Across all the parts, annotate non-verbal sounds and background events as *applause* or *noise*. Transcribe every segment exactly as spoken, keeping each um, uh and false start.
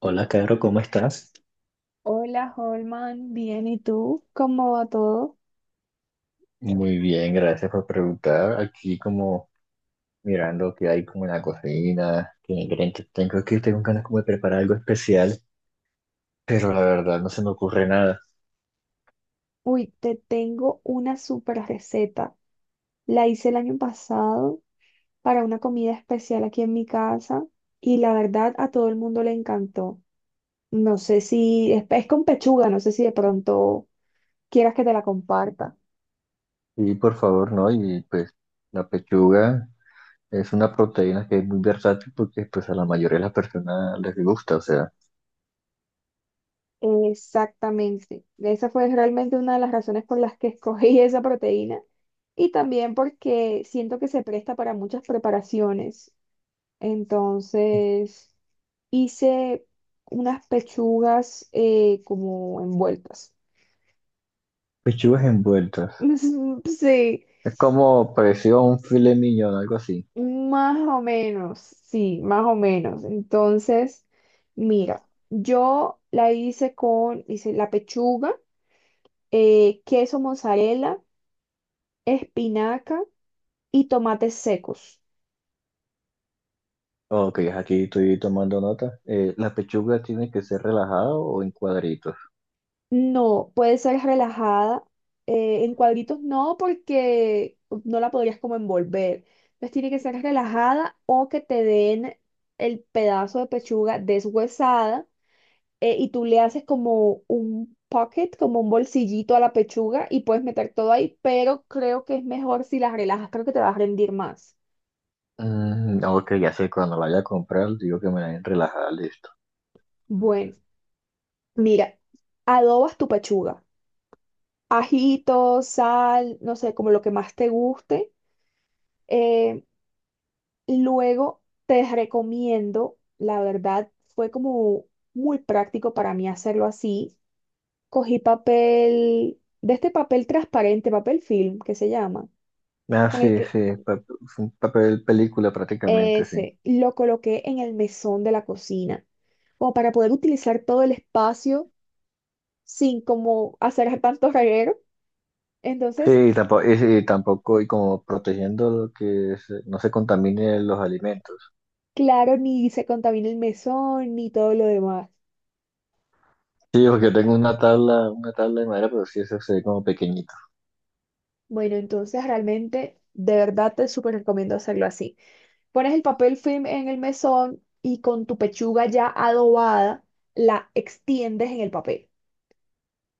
Hola, Caro, ¿cómo estás? Hola, Holman, bien, ¿y tú? ¿Cómo va todo? Muy bien, gracias por preguntar. Aquí como mirando qué hay como en la cocina, qué ingredientes tengo, que tengo ganas como de preparar algo especial, pero la verdad no se me ocurre nada. Uy, te tengo una super receta. La hice el año pasado para una comida especial aquí en mi casa y la verdad a todo el mundo le encantó. No sé si es, es con pechuga, no sé si de pronto quieras que te la comparta. Y por favor, no, y pues la pechuga es una proteína que es muy versátil porque pues a la mayoría de las personas les gusta, o sea, Exactamente. Esa fue realmente una de las razones por las que escogí *laughs* esa proteína y también porque siento que se presta para muchas preparaciones. Entonces hice unas pechugas eh, como envueltas. pechugas envueltas. *laughs* Sí, Es como parecido a un filet mignon, algo así. más o menos, sí, más o menos. Entonces, mira, yo la hice con, hice la pechuga, eh, queso mozzarella, espinaca y tomates secos. Ok, aquí estoy tomando nota. Eh, ¿la pechuga tiene que ser relajada o en cuadritos? No, puede ser relajada. eh, en cuadritos no, porque no la podrías como envolver. Entonces tiene que ser relajada o que te den el pedazo de pechuga deshuesada, eh, y tú le haces como un pocket, como un bolsillito a la pechuga y puedes meter todo ahí, pero creo que es mejor si la relajas, creo que te va a rendir más. Mm, no, que ya sé, cuando la vaya a comprar, digo que me la den relajada, listo. Bueno, mira, adobas tu pechuga. Ajito, sal, no sé, como lo que más te guste. Eh, Luego te recomiendo, la verdad, fue como muy práctico para mí hacerlo así. Cogí papel, de este papel transparente, papel film, que se llama, Ah, con el sí, que sí, pa- es un papel película prácticamente, sí. ese lo coloqué en el mesón de la cocina, como para poder utilizar todo el espacio sin como hacer tanto reguero. Entonces, Sí, tampoco, y, sí, tampoco, y como protegiendo lo que se- no se contamine los alimentos. claro, ni se contamina el mesón ni todo lo demás. Sí, porque yo tengo una tabla, una tabla de madera, pero sí, eso se ve como pequeñito. Bueno, entonces realmente, de verdad te súper recomiendo hacerlo así. Pones el papel film en el mesón y con tu pechuga ya adobada la extiendes en el papel.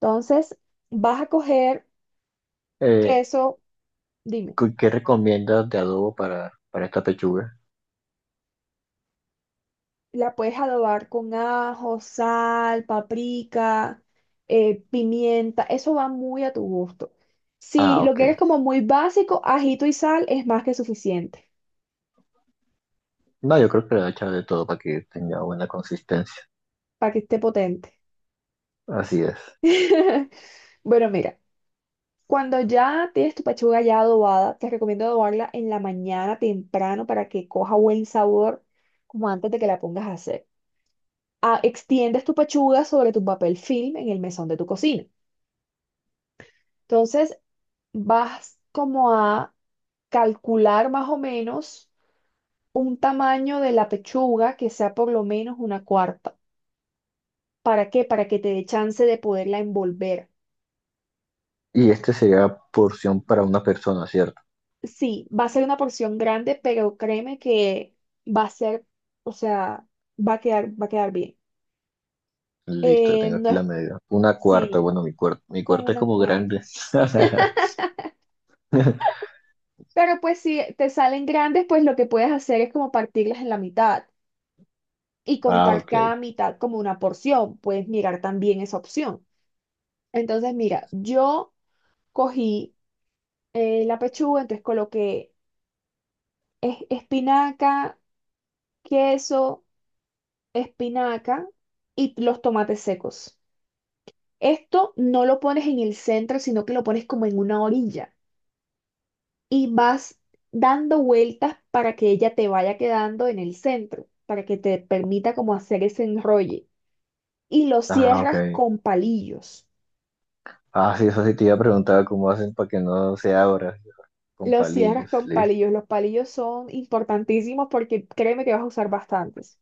Entonces, vas a coger Eh, queso, dime, ¿cu- ¿Qué recomiendas de adobo para, para esta pechuga? la puedes adobar con ajo, sal, paprika, eh, pimienta, eso va muy a tu gusto. Si Ah, lo ok. quieres como muy básico, ajito y sal es más que suficiente No, yo creo que le voy a echar de todo para que tenga buena consistencia. para que esté potente. Así es. *laughs* Bueno, mira. Cuando ya tienes tu pechuga ya adobada, te recomiendo adobarla en la mañana temprano para que coja buen sabor, como antes de que la pongas a hacer. Ah, extiendes tu pechuga sobre tu papel film en el mesón de tu cocina. Entonces, vas como a calcular más o menos un tamaño de la pechuga que sea por lo menos una cuarta. ¿Para qué? Para que te dé chance de poderla envolver. ¿Y este sería porción para una persona, cierto? Sí, va a ser una porción grande, pero créeme que va a ser, o sea, va a quedar, va a quedar bien. Listo, Eh, tengo no aquí la es, medida. Una cuarta, sí, bueno, mi cuarta, mi con cuarta es una como cuarta. grande. *laughs* Pero pues si te salen grandes, pues lo que puedes hacer es como partirlas en la mitad y Ah, contar ok. cada mitad como una porción. Puedes mirar también esa opción. Entonces, mira, yo cogí eh, la pechuga, entonces coloqué es- espinaca, queso, espinaca y los tomates secos. Esto no lo pones en el centro, sino que lo pones como en una orilla y vas dando vueltas para que ella te vaya quedando en el centro, para que te permita como hacer ese enrolle. Y lo Ah, ok. cierras con palillos. Ah, sí, eso sí te iba a preguntar cómo hacen para que no se abra, con Lo cierras palillos. con Listo. palillos. Los palillos son importantísimos porque créeme que vas a usar bastantes.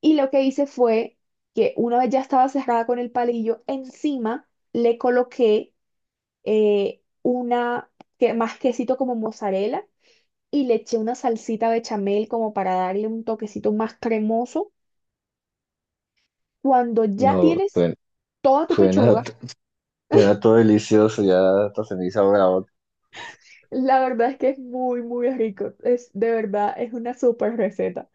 Y lo que hice fue que una vez ya estaba cerrada con el palillo, encima le coloqué eh, una, que, más quesito como mozzarella y le eché una salsita bechamel como para darle un toquecito más cremoso. Cuando ya No, tienes suena, toda tu suena, pechuga, suena todo delicioso, ya hasta se me hizo agua la boca. la verdad es que es muy, muy rico. Es de verdad, es una súper receta.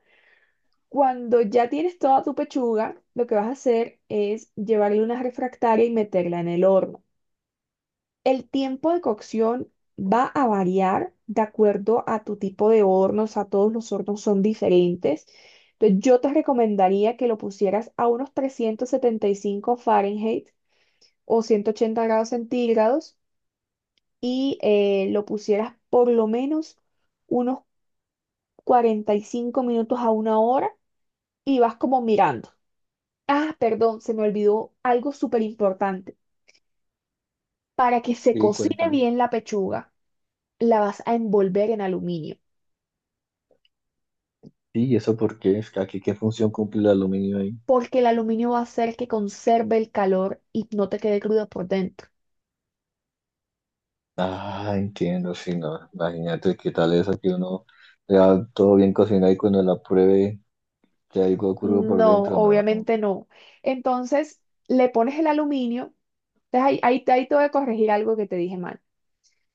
Cuando ya tienes toda tu pechuga, lo que vas a hacer es llevarle una refractaria y meterla en el horno. El tiempo de cocción va a variar de acuerdo a tu tipo de hornos, a todos los hornos son diferentes. Entonces, yo te recomendaría que lo pusieras a unos trescientos setenta y cinco Fahrenheit o ciento ochenta grados centígrados y eh, lo pusieras por lo menos unos cuarenta y cinco minutos a una hora y vas como mirando. Ah, perdón, se me olvidó algo súper importante. Para que se Sí, cocine cuéntame. bien la pechuga, la vas a envolver en aluminio, Sí, ¿y eso por qué? Es que aquí, ¿qué función cumple el aluminio ahí? porque el aluminio va a hacer que conserve el calor y no te quede cruda por dentro. Ah, entiendo, sí, no. Imagínate qué tal eso que uno le da todo bien cocinado y cuando la pruebe que algo crudo por No, dentro, no. no, obviamente no. Entonces, le pones el aluminio, entonces ahí, ahí, ahí te voy a corregir algo que te dije mal.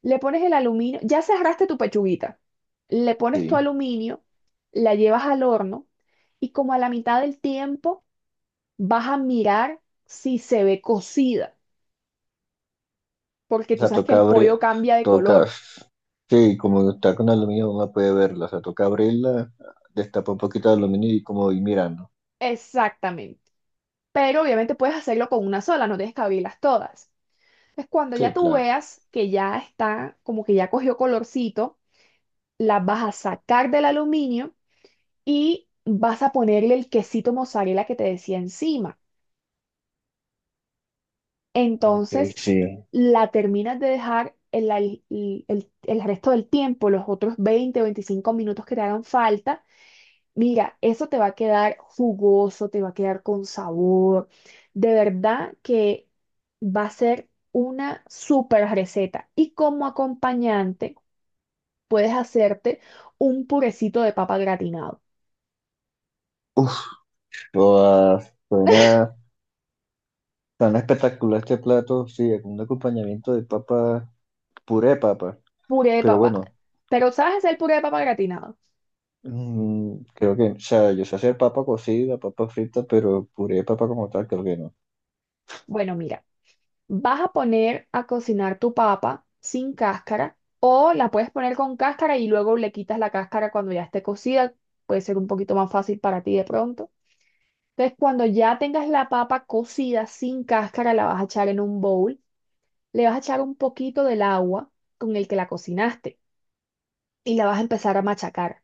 Le pones el aluminio, ya cerraste tu pechuguita, le pones tu Sí. aluminio, la llevas al horno y como a la mitad del tiempo vas a mirar si se ve cocida, porque O tú sea, sabes que toca el abrir, pollo cambia de toca, color. sí, como está con aluminio, uno puede verla. O sea, toca abrirla, destapa un poquito de aluminio y como ir mirando. Exactamente. Pero obviamente puedes hacerlo con una sola, no tienes que abrirlas todas. Entonces, cuando ya Sí, tú claro. veas que ya está, como que ya cogió colorcito, la vas a sacar del aluminio y vas a ponerle el quesito mozzarella que te decía encima. Ok, Entonces, sí. la terminas de dejar el, al- el- el- el resto del tiempo, los otros veinte o veinticinco minutos que te hagan falta. Mira, eso te va a quedar jugoso, te va a quedar con sabor. De verdad que va a ser una super receta. Y como acompañante puedes hacerte un purecito de papa gratinado. Uf, toda- suena tan espectacular este plato, sí, con un acompañamiento de papa, puré de papa. Puré de Pero papa. bueno, ¿Pero sabes hacer puré de papa gratinado? mm, creo que, o sea, yo sé hacer papa cocida, papa frita, pero puré de papa como tal, creo que no. Bueno, mira, vas a poner a cocinar tu papa sin cáscara o la puedes poner con cáscara y luego le quitas la cáscara cuando ya esté cocida. Puede ser un poquito más fácil para ti de pronto. Entonces, cuando ya tengas la papa cocida sin cáscara, la vas a echar en un bowl. Le vas a echar un poquito del agua con el que la cocinaste y la vas a empezar a machacar.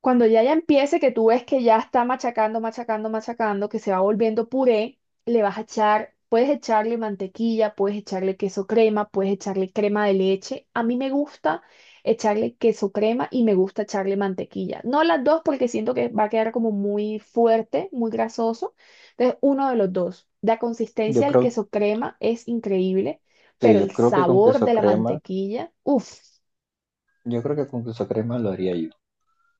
Cuando ya ya empiece, que tú ves que ya está machacando, machacando, machacando, que se va volviendo puré, le vas a echar, puedes echarle mantequilla, puedes echarle queso crema, puedes echarle crema de leche. A mí me gusta echarle queso crema y me gusta echarle mantequilla. No las dos porque siento que va a quedar como muy fuerte, muy grasoso. Entonces, uno de los dos. La Yo consistencia del creo, queso crema es increíble, pero sí, yo el creo que con sabor queso de la crema, mantequilla, uff, yo creo que con queso crema lo haría yo.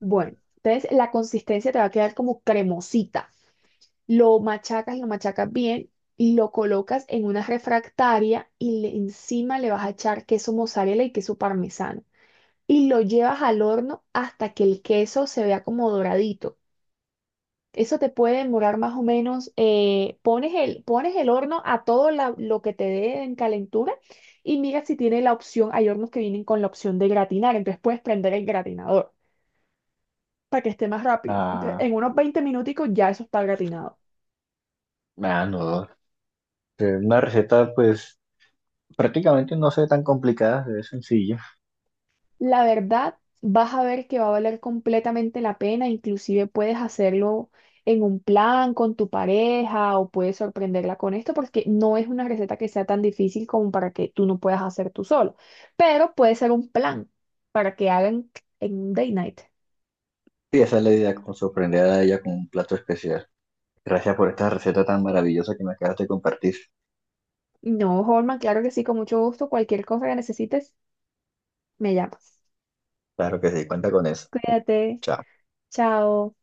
bueno. Entonces, la consistencia te va a quedar como cremosita. Lo machacas, lo machacas bien, y lo colocas en una refractaria y le- encima le vas a echar queso mozzarella y queso parmesano. Y lo llevas al horno hasta que el queso se vea como doradito. Eso te puede demorar más o menos, eh, pones el, pones el horno a todo la- lo que te dé en calentura y mira si tiene la opción, hay hornos que vienen con la opción de gratinar, entonces puedes prender el gratinador para que esté más rápido. Entonces, en Ah, unos veinte minuticos ya eso está gratinado. ah, no, Eh, una receta, pues, prácticamente no sé, tan complicada, es sencilla. La verdad, vas a ver que va a valer completamente la pena, inclusive puedes hacerlo en un plan con tu pareja o puedes sorprenderla con esto porque no es una receta que sea tan difícil como para que tú no puedas hacer tú solo, pero puede ser un plan para que hagan en un day night. Y esa es la idea, como sorprender a ella con un plato especial. Gracias por esta receta tan maravillosa que me acabas de compartir. No, Holman, claro que sí, con mucho gusto, cualquier cosa que necesites, me llamas. Claro que sí, cuenta con eso. Cuídate, Chao. chao.